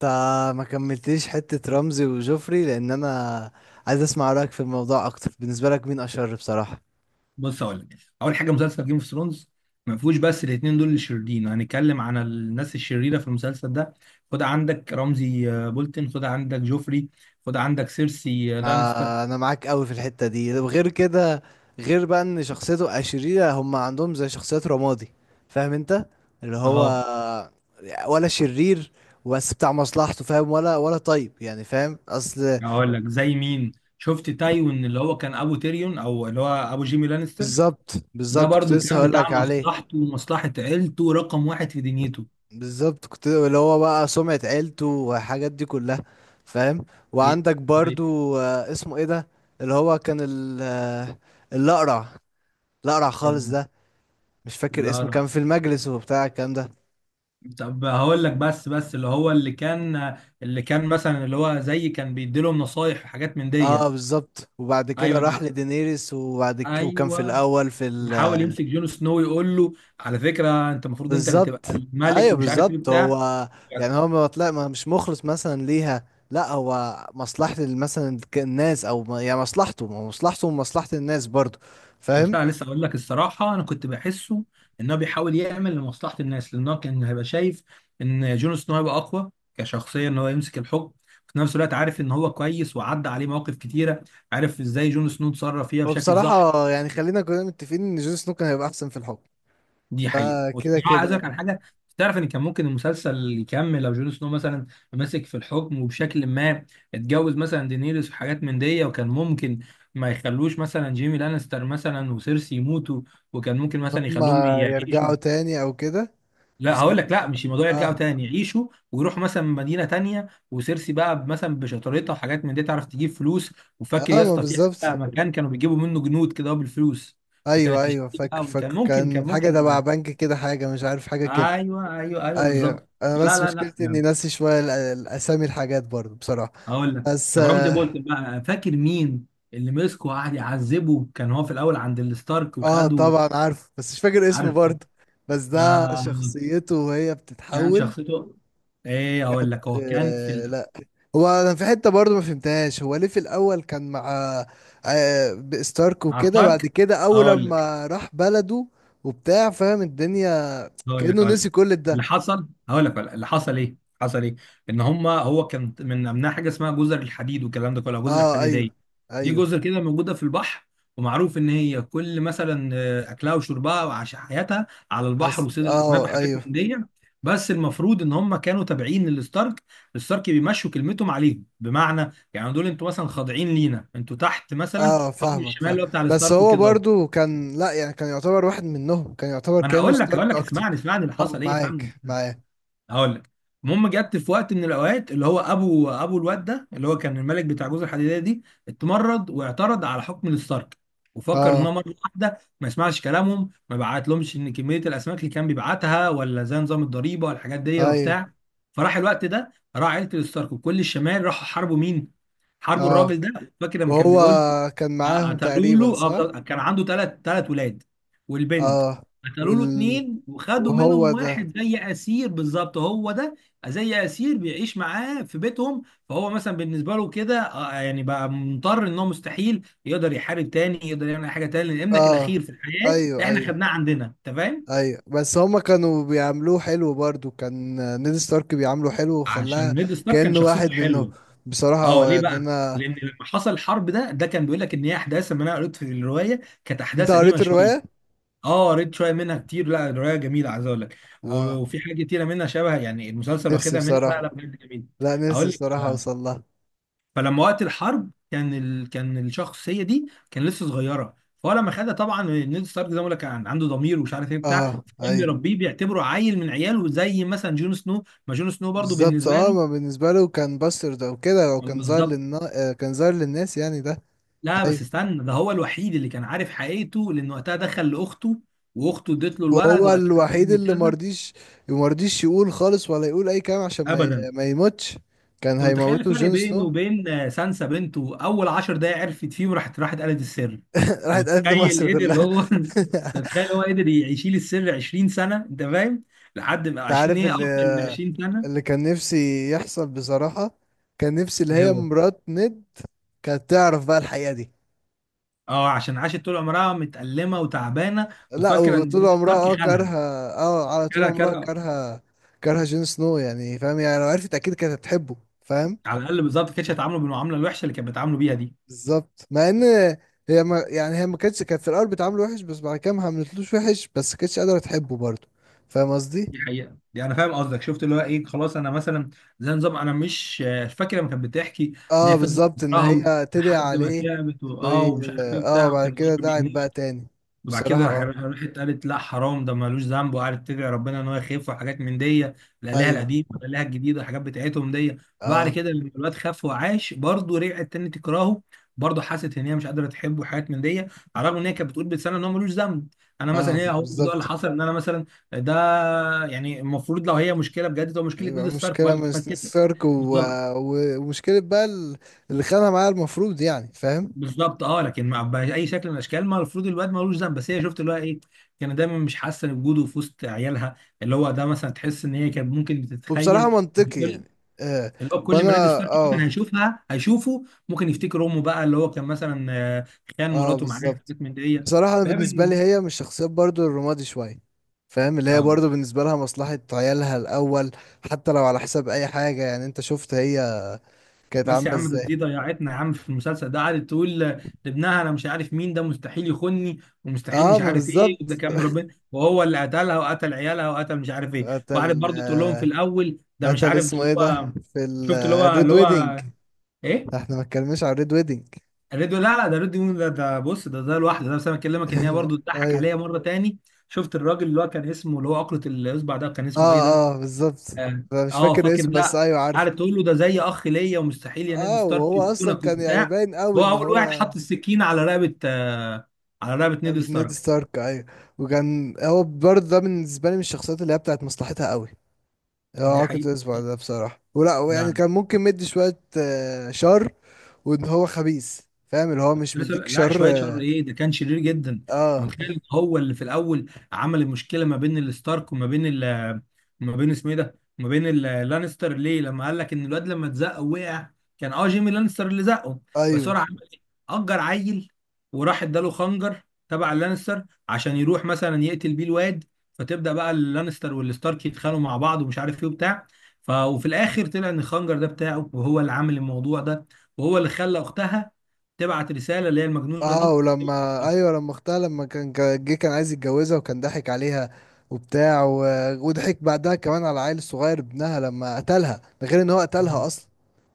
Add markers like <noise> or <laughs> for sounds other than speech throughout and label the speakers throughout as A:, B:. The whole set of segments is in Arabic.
A: فما كملتليش حتة رمزي وجوفري لأن أنا عايز أسمع رأيك في الموضوع أكتر. بالنسبة لك مين أشر بصراحة؟
B: بص اقول لك اول حاجه مسلسل جيم اوف ثرونز ما فيهوش، بس الاثنين دول الشريرين. هنتكلم عن الناس الشريره في المسلسل ده. خد عندك رمزي بولتن، خد عندك جوفري، خد عندك سيرسي لانستر.
A: ما أنا معاك أوي في الحتة دي. وغير كده، غير بقى إن شخصيته أشرية، هم عندهم زي شخصيات رمادي، فاهم أنت؟ اللي هو
B: اه،
A: ولا شرير، بس بتاع مصلحته، فاهم؟ ولا طيب، يعني فاهم أصل.
B: هقول لك زي مين. شفت تايوين اللي هو كان ابو تيريون او اللي هو ابو جيمي لانستر؟
A: بالظبط
B: ده
A: بالظبط كنت
B: برضو
A: لسه
B: كان بتاع
A: هقولك عليه.
B: مصلحته ومصلحه عيلته رقم واحد في دنيته.
A: بالظبط، كنت اللي هو بقى سمعة عيلته والحاجات دي كلها، فاهم؟
B: هي-
A: وعندك
B: هي-
A: برضو اسمه ايه ده اللي هو كان الأقرع، الأقرع خالص ده، مش فاكر
B: لا
A: اسمه،
B: لا.
A: كان في المجلس وبتاع الكلام ده.
B: طب هقول لك، بس اللي هو اللي كان مثلا اللي هو زي كان بيديلهم نصايح وحاجات من دي.
A: اه بالظبط، وبعد كده
B: ايوه
A: راح
B: انا،
A: لدينيريس، وبعد كده وكان في
B: ايوه،
A: الأول في ال-
B: بيحاول يمسك جون سنو يقول له على فكره انت المفروض انت اللي تبقى
A: بالظبط،
B: الملك
A: ايوه
B: ومش عارف ايه
A: بالظبط.
B: بتاع.
A: هو يعني هو ما طلع ما مش مخلص مثلا ليها، لا هو مصلحة مثلا الناس، او ما- يعني مصلحته، ما هو مصلحته ومصلحة الناس برضو،
B: بس
A: فاهم؟
B: انا لسه اقول لك الصراحه، انا كنت بحسه ان هو بيحاول يعمل لمصلحه الناس، لان هو كان هيبقى شايف ان جون سنو هيبقى اقوى كشخصيه ان هو يمسك الحكم. في نفس الوقت عارف ان هو كويس، وعدى عليه مواقف كتيره عارف ازاي جون سنو اتصرف فيها
A: هو
B: بشكل صح.
A: بصراحة يعني خلينا كلنا متفقين إن جون سنو كان هيبقى أحسن في الحكم.
B: دي حقيقة،
A: ده كده
B: والصراحة
A: كده
B: عايز أقولك على
A: يعني.
B: حاجة. تعرف إن كان ممكن المسلسل يكمل لو جون سنو مثلا مسك في الحكم، وبشكل ما اتجوز مثلا دينيريس وحاجات من دي، وكان ممكن ما يخلوش مثلا جيمي لانستر مثلا وسيرسي يموتوا، وكان ممكن
A: إن
B: مثلا يخلوهم
A: هما
B: يعيشوا.
A: يرجعوا تاني أو كده.
B: لا هقول لك،
A: بصراحة،
B: لا مش الموضوع يرجعوا
A: آه.
B: تاني، يعيشوا ويروحوا مثلا مدينة تانية، وسيرسي بقى مثلا بشطارتها وحاجات من دي تعرف تجيب فلوس. وفاكر
A: آه
B: يا
A: ما
B: اسطى في
A: بالظبط.
B: حتة مكان كانوا بيجيبوا منه جنود كده بالفلوس؟
A: أيوه
B: فكانت
A: أيوه،
B: تشتري
A: فاكر
B: بقى. وكان
A: فاكر،
B: ممكن، كان
A: كان حاجة تبع
B: ممكن.
A: بنك كده، حاجة مش عارف حاجة كده.
B: ايوه ايوه ايوه بالظبط.
A: أيوه، أنا
B: لا
A: بس
B: لا لا
A: مشكلتي إني
B: لا.
A: ناسي شوية الأسامي، الحاجات برضه بصراحة.
B: اقول لك،
A: بس
B: طب رمزي
A: آه,
B: بولتن بقى، فاكر مين اللي مسكه وقعد يعذبه؟ كان هو في الاول عند الستارك
A: آه
B: وخده.
A: طبعا عارف، بس مش فاكر اسمه
B: عارف
A: برضه. بس ده
B: آه
A: شخصيته وهي
B: كان
A: بتتحول.
B: شخصيته ايه؟ اقول لك، هو كان في
A: لا، هو انا في حته برضو ما فهمتهاش، هو ليه في الاول كان مع آه ستارك
B: مع
A: وكده، بعد
B: ستارك.
A: كده اول
B: اقول لك،
A: لما راح بلده وبتاع، فاهم الدنيا،
B: هقول لك
A: كانه
B: هقول لك
A: نسي كل ده.
B: اللي حصل. هقول لك اللي حصل ايه. حصل ايه؟ ان هو كان من امنها حاجه اسمها جزر الحديد والكلام ده كله، أو جزر
A: اه
B: الحديديه.
A: ايوه،
B: دي
A: ايوه.
B: جزر كده موجوده في البحر، ومعروف ان هي كل مثلا اكلها وشربها وعاش حياتها على البحر
A: أس...
B: وصيد الاسماك
A: اه
B: وحاجات
A: ايوه.
B: من دي. بس المفروض ان هم كانوا تابعين للستارك. الستارك بيمشوا كلمتهم عليهم، بمعنى يعني دول انتوا مثلا خاضعين لينا، انتوا تحت مثلا
A: اه
B: حكم
A: فاهمك،
B: الشمال
A: فاهم.
B: اللي هو بتاع
A: بس
B: الستارك
A: هو
B: وكده.
A: برضو كان، لا يعني كان يعتبر واحد منهم، كان يعتبر
B: ما انا
A: كانه
B: هقول لك، هقول
A: ستارك
B: لك
A: اكتر.
B: اسمعني اسمعني اللي
A: اه
B: حصل ايه فهمني.
A: معاك معاك.
B: هقول لك، المهم جت في وقت من الاوقات اللي هو ابو الواد ده اللي هو كان الملك بتاع جوز الحديديه دي، اتمرد واعترض على حكم الستارك، وفكر ان هو
A: اه
B: مره واحده ما يسمعش كلامهم ما بعتلهمش ان كميه الاسماك اللي كان بيبعتها ولا زي نظام الضريبه والحاجات دي
A: ايوه.
B: وبتاع. فراح الوقت ده راح عيله الستارك وكل الشمال راحوا حاربوا مين؟ حاربوا الراجل
A: اه
B: ده. فاكر لما كان
A: وهو
B: بيقول،
A: كان معاهم
B: قتلوا
A: تقريبا
B: له، اه
A: صح.
B: بالظبط. كان عنده ثلاث ولاد والبنت.
A: اه،
B: قتلوا
A: وال-
B: له اتنين، وخدوا
A: وهو
B: منهم
A: ده.
B: واحد زي اسير. بالظبط هو ده، زي اسير بيعيش معاه في بيتهم. فهو مثلا بالنسبه له كده يعني بقى مضطر، ان هو مستحيل يقدر يحارب تاني، يقدر يعمل اي حاجه تاني، لان ابنك الاخير
A: اه
B: في الحياه
A: ايوه
B: احنا
A: ايوه
B: خدناه عندنا، انت فاهم؟
A: ايوه. بس هما كانوا بيعملوه حلو برضو، كان نيد ستارك بيعامله حلو وخلاها
B: عشان نيد ستارك كان
A: كأنه واحد
B: شخصيته
A: منهم.
B: حلوه.
A: بصراحة
B: اه
A: هو
B: ليه
A: يعني
B: بقى؟
A: انا.
B: لان لما حصل الحرب ده، ده كان بيقول لك ان هي احداث، لما انا قريت في الروايه كانت
A: انت
B: احداث قديمه
A: قريت
B: شويه.
A: الرواية؟
B: اه قريت شويه منها كتير، لا روايه جميله عايز اقول لك،
A: اه
B: وفي حاجات كتيره منها شبه يعني المسلسل
A: نفسي
B: واخدها منها.
A: بصراحة،
B: لا لا بجد جميل.
A: لا نفسي
B: اقول لك
A: بصراحة اوصل لها.
B: فلما وقت الحرب كان ال... كان الشخصيه دي كان لسه صغيره، فهو لما خدها طبعا نيد ستارك زي ما بقول لك كان عنده ضمير ومش عارف ايه بتاع.
A: اه
B: كان
A: ايوه.
B: بيربيه بيعتبره عيل من عياله، زي مثلا جون سنو، ما جون سنو برضو
A: بالظبط
B: بالنسبه
A: اه،
B: له.
A: ما بالنسبة له كان باسترد او كده، او كان ظاهر
B: بالظبط.
A: للنا... آه، كان ظاهر للناس يعني ده.
B: لا بس
A: ايوه،
B: استنى، ده هو الوحيد اللي كان عارف حقيقته، لان وقتها دخل لاخته واخته ادت له الولد،
A: وهو
B: وقال لها ده
A: الوحيد
B: ابن
A: اللي
B: كذا.
A: مرضيش، مرضيش يقول خالص ولا يقول اي كلام عشان
B: ابدا.
A: ما يموتش. كان
B: انت متخيل
A: هيموته
B: الفرق
A: جون
B: بينه
A: سنو <laughs>
B: وبين سانسا بنته؟ اول 10 دقايق عرفت فيه، وراحت، راحت قالت السر. انت
A: راحت قالت لمصر
B: متخيل قدر
A: كلها
B: هو <laughs> انت
A: <laughs>
B: متخيل هو قدر يشيل السر 20 سنه؟ انت فاهم، لحد ما
A: انت
B: 20،
A: عارف
B: ايه
A: اللي
B: اكتر من 20 سنه.
A: اللي كان نفسي يحصل بصراحة، كان نفسي اللي
B: ايه
A: هي
B: هو؟
A: مرات نيد كانت تعرف بقى الحقيقة دي.
B: اه عشان عاشت طول عمرها متألمه وتعبانه،
A: لا
B: وفاكره ان
A: وطول
B: ميديا
A: عمرها
B: ستارك
A: اه
B: خانها.
A: كارهة. اه على طول
B: كره
A: عمرها
B: كره
A: كارهة. كارهة جون سنو يعني، فاهم؟ يعني لو عرفت اكيد كانت هتحبه، فاهم؟
B: على الاقل بالظبط ما كانتش هتعامله بالمعامله الوحشه اللي كانت بتعامله بيها دي.
A: بالظبط. مع ان هي ما يعني، هي ما كانتش كانت في الاول بتعامله وحش، بس بعد كده ما عملتلوش وحش، بس ما كانتش قادره تحبه برضه، فاهم قصدي؟
B: دي حقيقة، دي انا فاهم قصدك. شفت اللي هو ايه؟ خلاص، انا مثلا زي نظام انا مش فاكره لما كانت بتحكي، ان
A: اه
B: هي فضلت
A: بالظبط، ان
B: تكرهه
A: هي تدعي
B: لحد ما
A: عليه.
B: تعبت
A: انه
B: اه،
A: ي...
B: ومش عارف ايه
A: اه
B: وبتاع،
A: بعد
B: وكان
A: كده
B: قلبه
A: دعت
B: بيموت.
A: بقى تاني.
B: وبعد
A: بصراحه
B: كده
A: اه،
B: راحت قالت لا حرام، ده ملوش ذنب، وقعدت تدعي ربنا ان هو يخف وحاجات من دي. الالهه
A: ايوه.
B: القديمه، الالهه الجديده، الحاجات بتاعتهم دي. وبعد
A: اه
B: كده لما الواد خف وعاش، برضه رجعت تاني تكرهه. برضه حست ان هي مش قادره تحبه وحاجات من دي، على الرغم ان هي كانت بتقول بلسانها ان هو ملوش ذنب. انا مثلا
A: اه
B: هي، هو الموضوع اللي
A: بالظبط.
B: حصل ان انا مثلا، ده يعني المفروض لو هي مشكله بجد، تبقى مشكله نيد
A: يبقى
B: ستارك
A: مشكله
B: ولا
A: من
B: عمل كده.
A: ستارك و...
B: بالظبط
A: و... ومشكله بقى ال- اللي خانها معاه، المفروض يعني فاهم.
B: بالظبط اه. لكن مع باي شكل من الاشكال، ما المفروض الواد ملوش ذنب. بس هي شفت اللي هو ايه، كان دايما مش حاسه بوجوده في وسط عيالها. اللي هو ده مثلا تحس ان هي كانت ممكن
A: وبصراحه
B: بتتخيل
A: منطقي
B: كل
A: يعني، آه.
B: اللي هو كل
A: وانا
B: ما نيد ستارك مثلا
A: اه.
B: هيشوفها هيشوفه، ممكن يفتكر امه، بقى اللي هو كان مثلا خان
A: اه
B: مراته معاه،
A: بالظبط.
B: حاجات من دي.
A: بصراحة انا بالنسبة لي
B: فاهم؟
A: هي من الشخصيات برضو الرمادي شوية، فاهم؟ اللي هي برضو بالنسبة لها مصلحة عيالها الاول، حتى لو على حساب اي حاجة. يعني انت شفت هي كانت
B: بس يا
A: عاملة
B: عم ده،
A: ازاي.
B: دي ضيعتنا يا عم في المسلسل ده. قعدت تقول لابنها انا مش عارف مين ده مستحيل يخوني، ومستحيل
A: اه
B: مش
A: ما
B: عارف ايه، وده
A: بالظبط.
B: كان ربنا، وهو اللي قتلها وقتل عيالها وقتل مش عارف
A: <laughs>
B: ايه. وقعدت
A: قتل
B: برضه تقول لهم في الاول ده مش
A: قتل
B: عارف، ده
A: اسمه
B: اللي
A: ايه ده
B: هو.
A: في
B: شفت اللي هو
A: الريد ويدنج.
B: ايه؟
A: احنا ما اتكلمناش على الريد ويدنج.
B: الريديو؟ لا لا، ده الريديو ده، ده بص، ده ده لوحده. ده بس انا بكلمك، ان هي
A: <laughs>
B: برضه تضحك
A: ايوه.
B: عليا مره تاني. شفت الراجل اللي هو كان اسمه اللي هو عقلة الاصبع ده، كان
A: اه
B: اسمه ايه ده؟
A: اه بالظبط،
B: اه
A: أنا مش فاكر
B: فاكر
A: اسم بس
B: ده؟
A: ايوه عارفه.
B: قعدت تقول له ده زي اخ ليا، ومستحيل يا نيد
A: اه
B: ستارك
A: وهو اصلا
B: يفتونك
A: كان يعني
B: وبتاع.
A: باين قوي
B: هو
A: ان
B: اول واحد
A: هو
B: حط السكين على رقبه، على رقبه نيد
A: بتنادي
B: ستارك.
A: ستارك ايوه. وكان هو برضه، ده بالنسبه لي من الشخصيات اللي هي بتاعت مصلحتها قوي، يعني
B: دي
A: هو كنت
B: حقيقه.
A: اسمع ده بصراحه، ولا يعني
B: لا
A: كان ممكن مدي شويه شر. وان هو خبيث، فاهم؟ اللي هو
B: كنت
A: مش
B: لسه،
A: مديك
B: لا
A: شر.
B: شويه شر ايه ده، كان شرير جدا. انت
A: اه
B: متخيل إن هو اللي في الاول عمل المشكله ما بين الستارك وما بين ال، ما بين اسمه ايه ده، ما بين اللانستر؟ ليه لما قال لك ان الواد لما اتزق وقع، كان اه جيمي لانستر اللي زقه، بس هو
A: ايوه.
B: راح عمل ايه؟ اجر عيل وراح اداله خنجر تبع اللانستر عشان يروح مثلا يقتل بيه الواد، فتبدا بقى اللانستر والستارك يتخانقوا مع بعض ومش عارف ايه وبتاع. وفي الاخر طلع ان الخنجر ده بتاعه، وهو اللي عامل الموضوع ده، وهو اللي خلى اختها تبعت رساله اللي هي المجنونه
A: اه
B: دي.
A: ولما ايوه، لما اختها، لما جه كان عايز يتجوزها، وكان ضحك عليها وبتاع و... وضحك بعدها كمان على العيل الصغير ابنها، لما قتلها، ده غير ان هو قتلها
B: آه.
A: اصلا.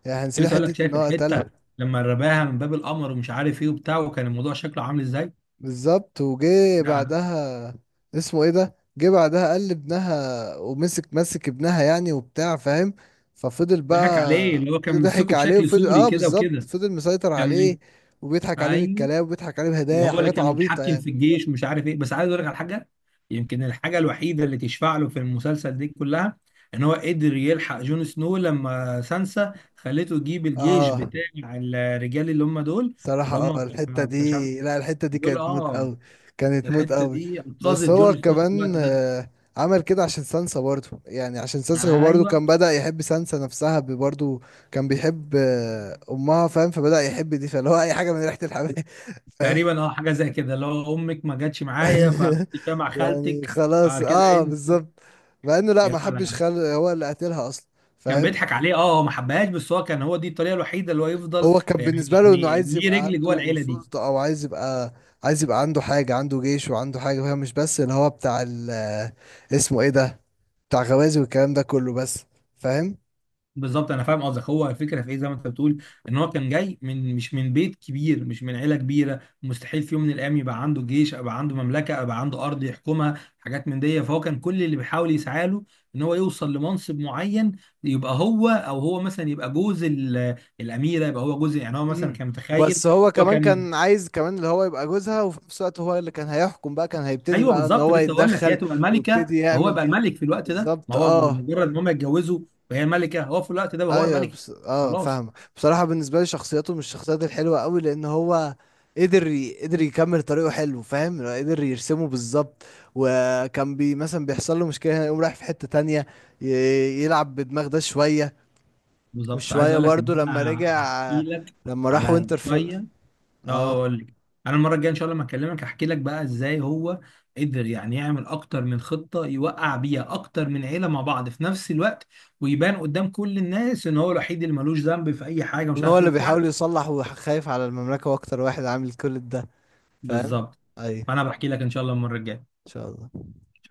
A: يعني هنسينا
B: لسه اقول
A: حته
B: لك،
A: ان
B: شايف
A: هو قتلها.
B: الحته لما رماها من باب القمر ومش عارف ايه وبتاع، وكان الموضوع شكله عامل ازاي؟
A: بالظبط، وجه
B: ده
A: بعدها اسمه ايه ده، جه بعدها قال ابنها، ومسك مسك ابنها يعني وبتاع، فاهم؟ ففضل
B: ضحك عليه
A: بقى
B: اللي هو كان
A: ضحك
B: ممسكه
A: عليه
B: بشكل
A: وفضل،
B: سوري
A: اه
B: كده
A: بالظبط
B: وكده.
A: فضل مسيطر
B: كان ايه؟
A: عليه. وبيضحك عليه
B: ايوه.
A: بالكلام وبيضحك عليه بهدايا،
B: وهو اللي
A: حاجات
B: كان
A: عبيطة
B: متحكم
A: يعني.
B: في الجيش ومش عارف ايه. بس عايز اقول لك على حاجه، يمكن الحاجه الوحيده اللي تشفع له في المسلسل دي كلها، ان هو قدر يلحق جون سنو لما سانسا خلته يجيب الجيش
A: اه
B: بتاع الرجال اللي هم دول،
A: صراحة،
B: اللي
A: اه
B: هم
A: الحتة
B: كانوا، مش عارف
A: دي، لا الحتة دي
B: دول
A: كانت موت
B: اه.
A: قوي، كانت موت
B: الحته
A: قوي.
B: دي
A: بس
B: انقذت
A: هو
B: جون سنو في
A: كمان
B: الوقت ده.
A: عمل كده عشان سانسا برضه، يعني عشان سانسا هو برضه
B: ايوه،
A: كان بدأ يحب سانسا نفسها برضه. كان بيحب أمها، فاهم؟ فبدأ يحب دي، فاللي هو أي حاجة من ريحة الحمام <laughs> فاهم؟
B: تقريبا اه، حاجه زي كده. لو امك ما جاتش معايا
A: <laughs>
B: فكنت مع
A: يعني
B: خالتك.
A: خلاص،
B: بعد كده
A: اه
B: انت،
A: بالظبط. مع انه لا
B: لا
A: ما حبش،
B: لا.
A: خل هو اللي قتلها اصلا،
B: كان
A: فاهم؟
B: بيضحك عليه، اه هو ما حبهاش، بس هو كان، هو دي الطريقه الوحيده اللي هو يفضل
A: هو كان
B: يعني،
A: بالنسبة له انه
B: يعني
A: عايز
B: ليه
A: يبقى
B: رجل جوه
A: عنده
B: العيله دي.
A: سلطة، او عايز يبقى، عايز يبقى عنده حاجة، عنده جيش وعنده حاجة، فاهم؟ مش بس اللي هو بتاع ال- اسمه ايه ده، بتاع غوازي والكلام ده كله بس، فاهم؟
B: بالظبط انا فاهم قصدك. هو الفكره في ايه؟ زي ما انت بتقول ان هو كان جاي من، مش من بيت كبير، مش من عيله كبيره، مستحيل في يوم من الايام يبقى عنده جيش، يبقى عنده مملكه، يبقى عنده ارض يحكمها حاجات من دي. فهو كان كل اللي بيحاول يسعى له، ان هو يوصل لمنصب معين، يبقى هو، او هو مثلا يبقى جوز الاميره، يبقى هو جوز، يعني هو مثلا
A: امم.
B: كان متخيل.
A: بس هو
B: هو
A: كمان
B: كان،
A: كان عايز كمان اللي هو يبقى جوزها، وفي نفس الوقت هو اللي كان هيحكم بقى، كان هيبتدي
B: ايوه
A: بقى ان
B: بالظبط.
A: هو
B: لسه اقول لك، هي
A: يتدخل
B: تبقى الملكه
A: ويبتدي
B: وهو
A: يعمل.
B: يبقى الملك في الوقت ده، ما
A: بالظبط
B: هو
A: اه.
B: مجرد ان هم يتجوزوا، وهي الملكه، هو في الوقت ده بقى هو
A: ايوه
B: الملك.
A: بس... اه
B: خلاص.
A: فاهمه، بصراحه بالنسبه لي شخصيته مش الشخصيات الحلوه قوي، لان هو قدر ي... قدر يكمل طريقه حلو، فاهم؟ قدر يرسمه بالظبط. وكان بي مثلا، بيحصل له مشكله هنا يقوم رايح في حته تانية، ي... يلعب بدماغ ده شويه،
B: بالظبط. عايز
A: وشويه
B: اقول لك ان
A: برضو لما
B: انا
A: رجع،
B: هحكي لك
A: لما راح
B: على
A: وينتر في...
B: شويه. اه
A: اه.
B: اقول لك، انا المره الجايه ان شاء الله لما اكلمك هحكي لك بقى ازاي هو قدر يعني يعمل اكتر من خطه، يوقع بيها اكتر من عيله مع بعض في نفس الوقت، ويبان قدام كل الناس ان هو الوحيد اللي ملوش ذنب في اي حاجه مش
A: هو
B: عارف ايه
A: اللي
B: وبتاع.
A: بيحاول يصلح وخايف على المملكه، واكتر واحد عامل كل ده، فاهم؟
B: بالظبط.
A: ايوه،
B: فانا بحكي لك ان شاء الله المره الجايه.
A: ان شاء الله.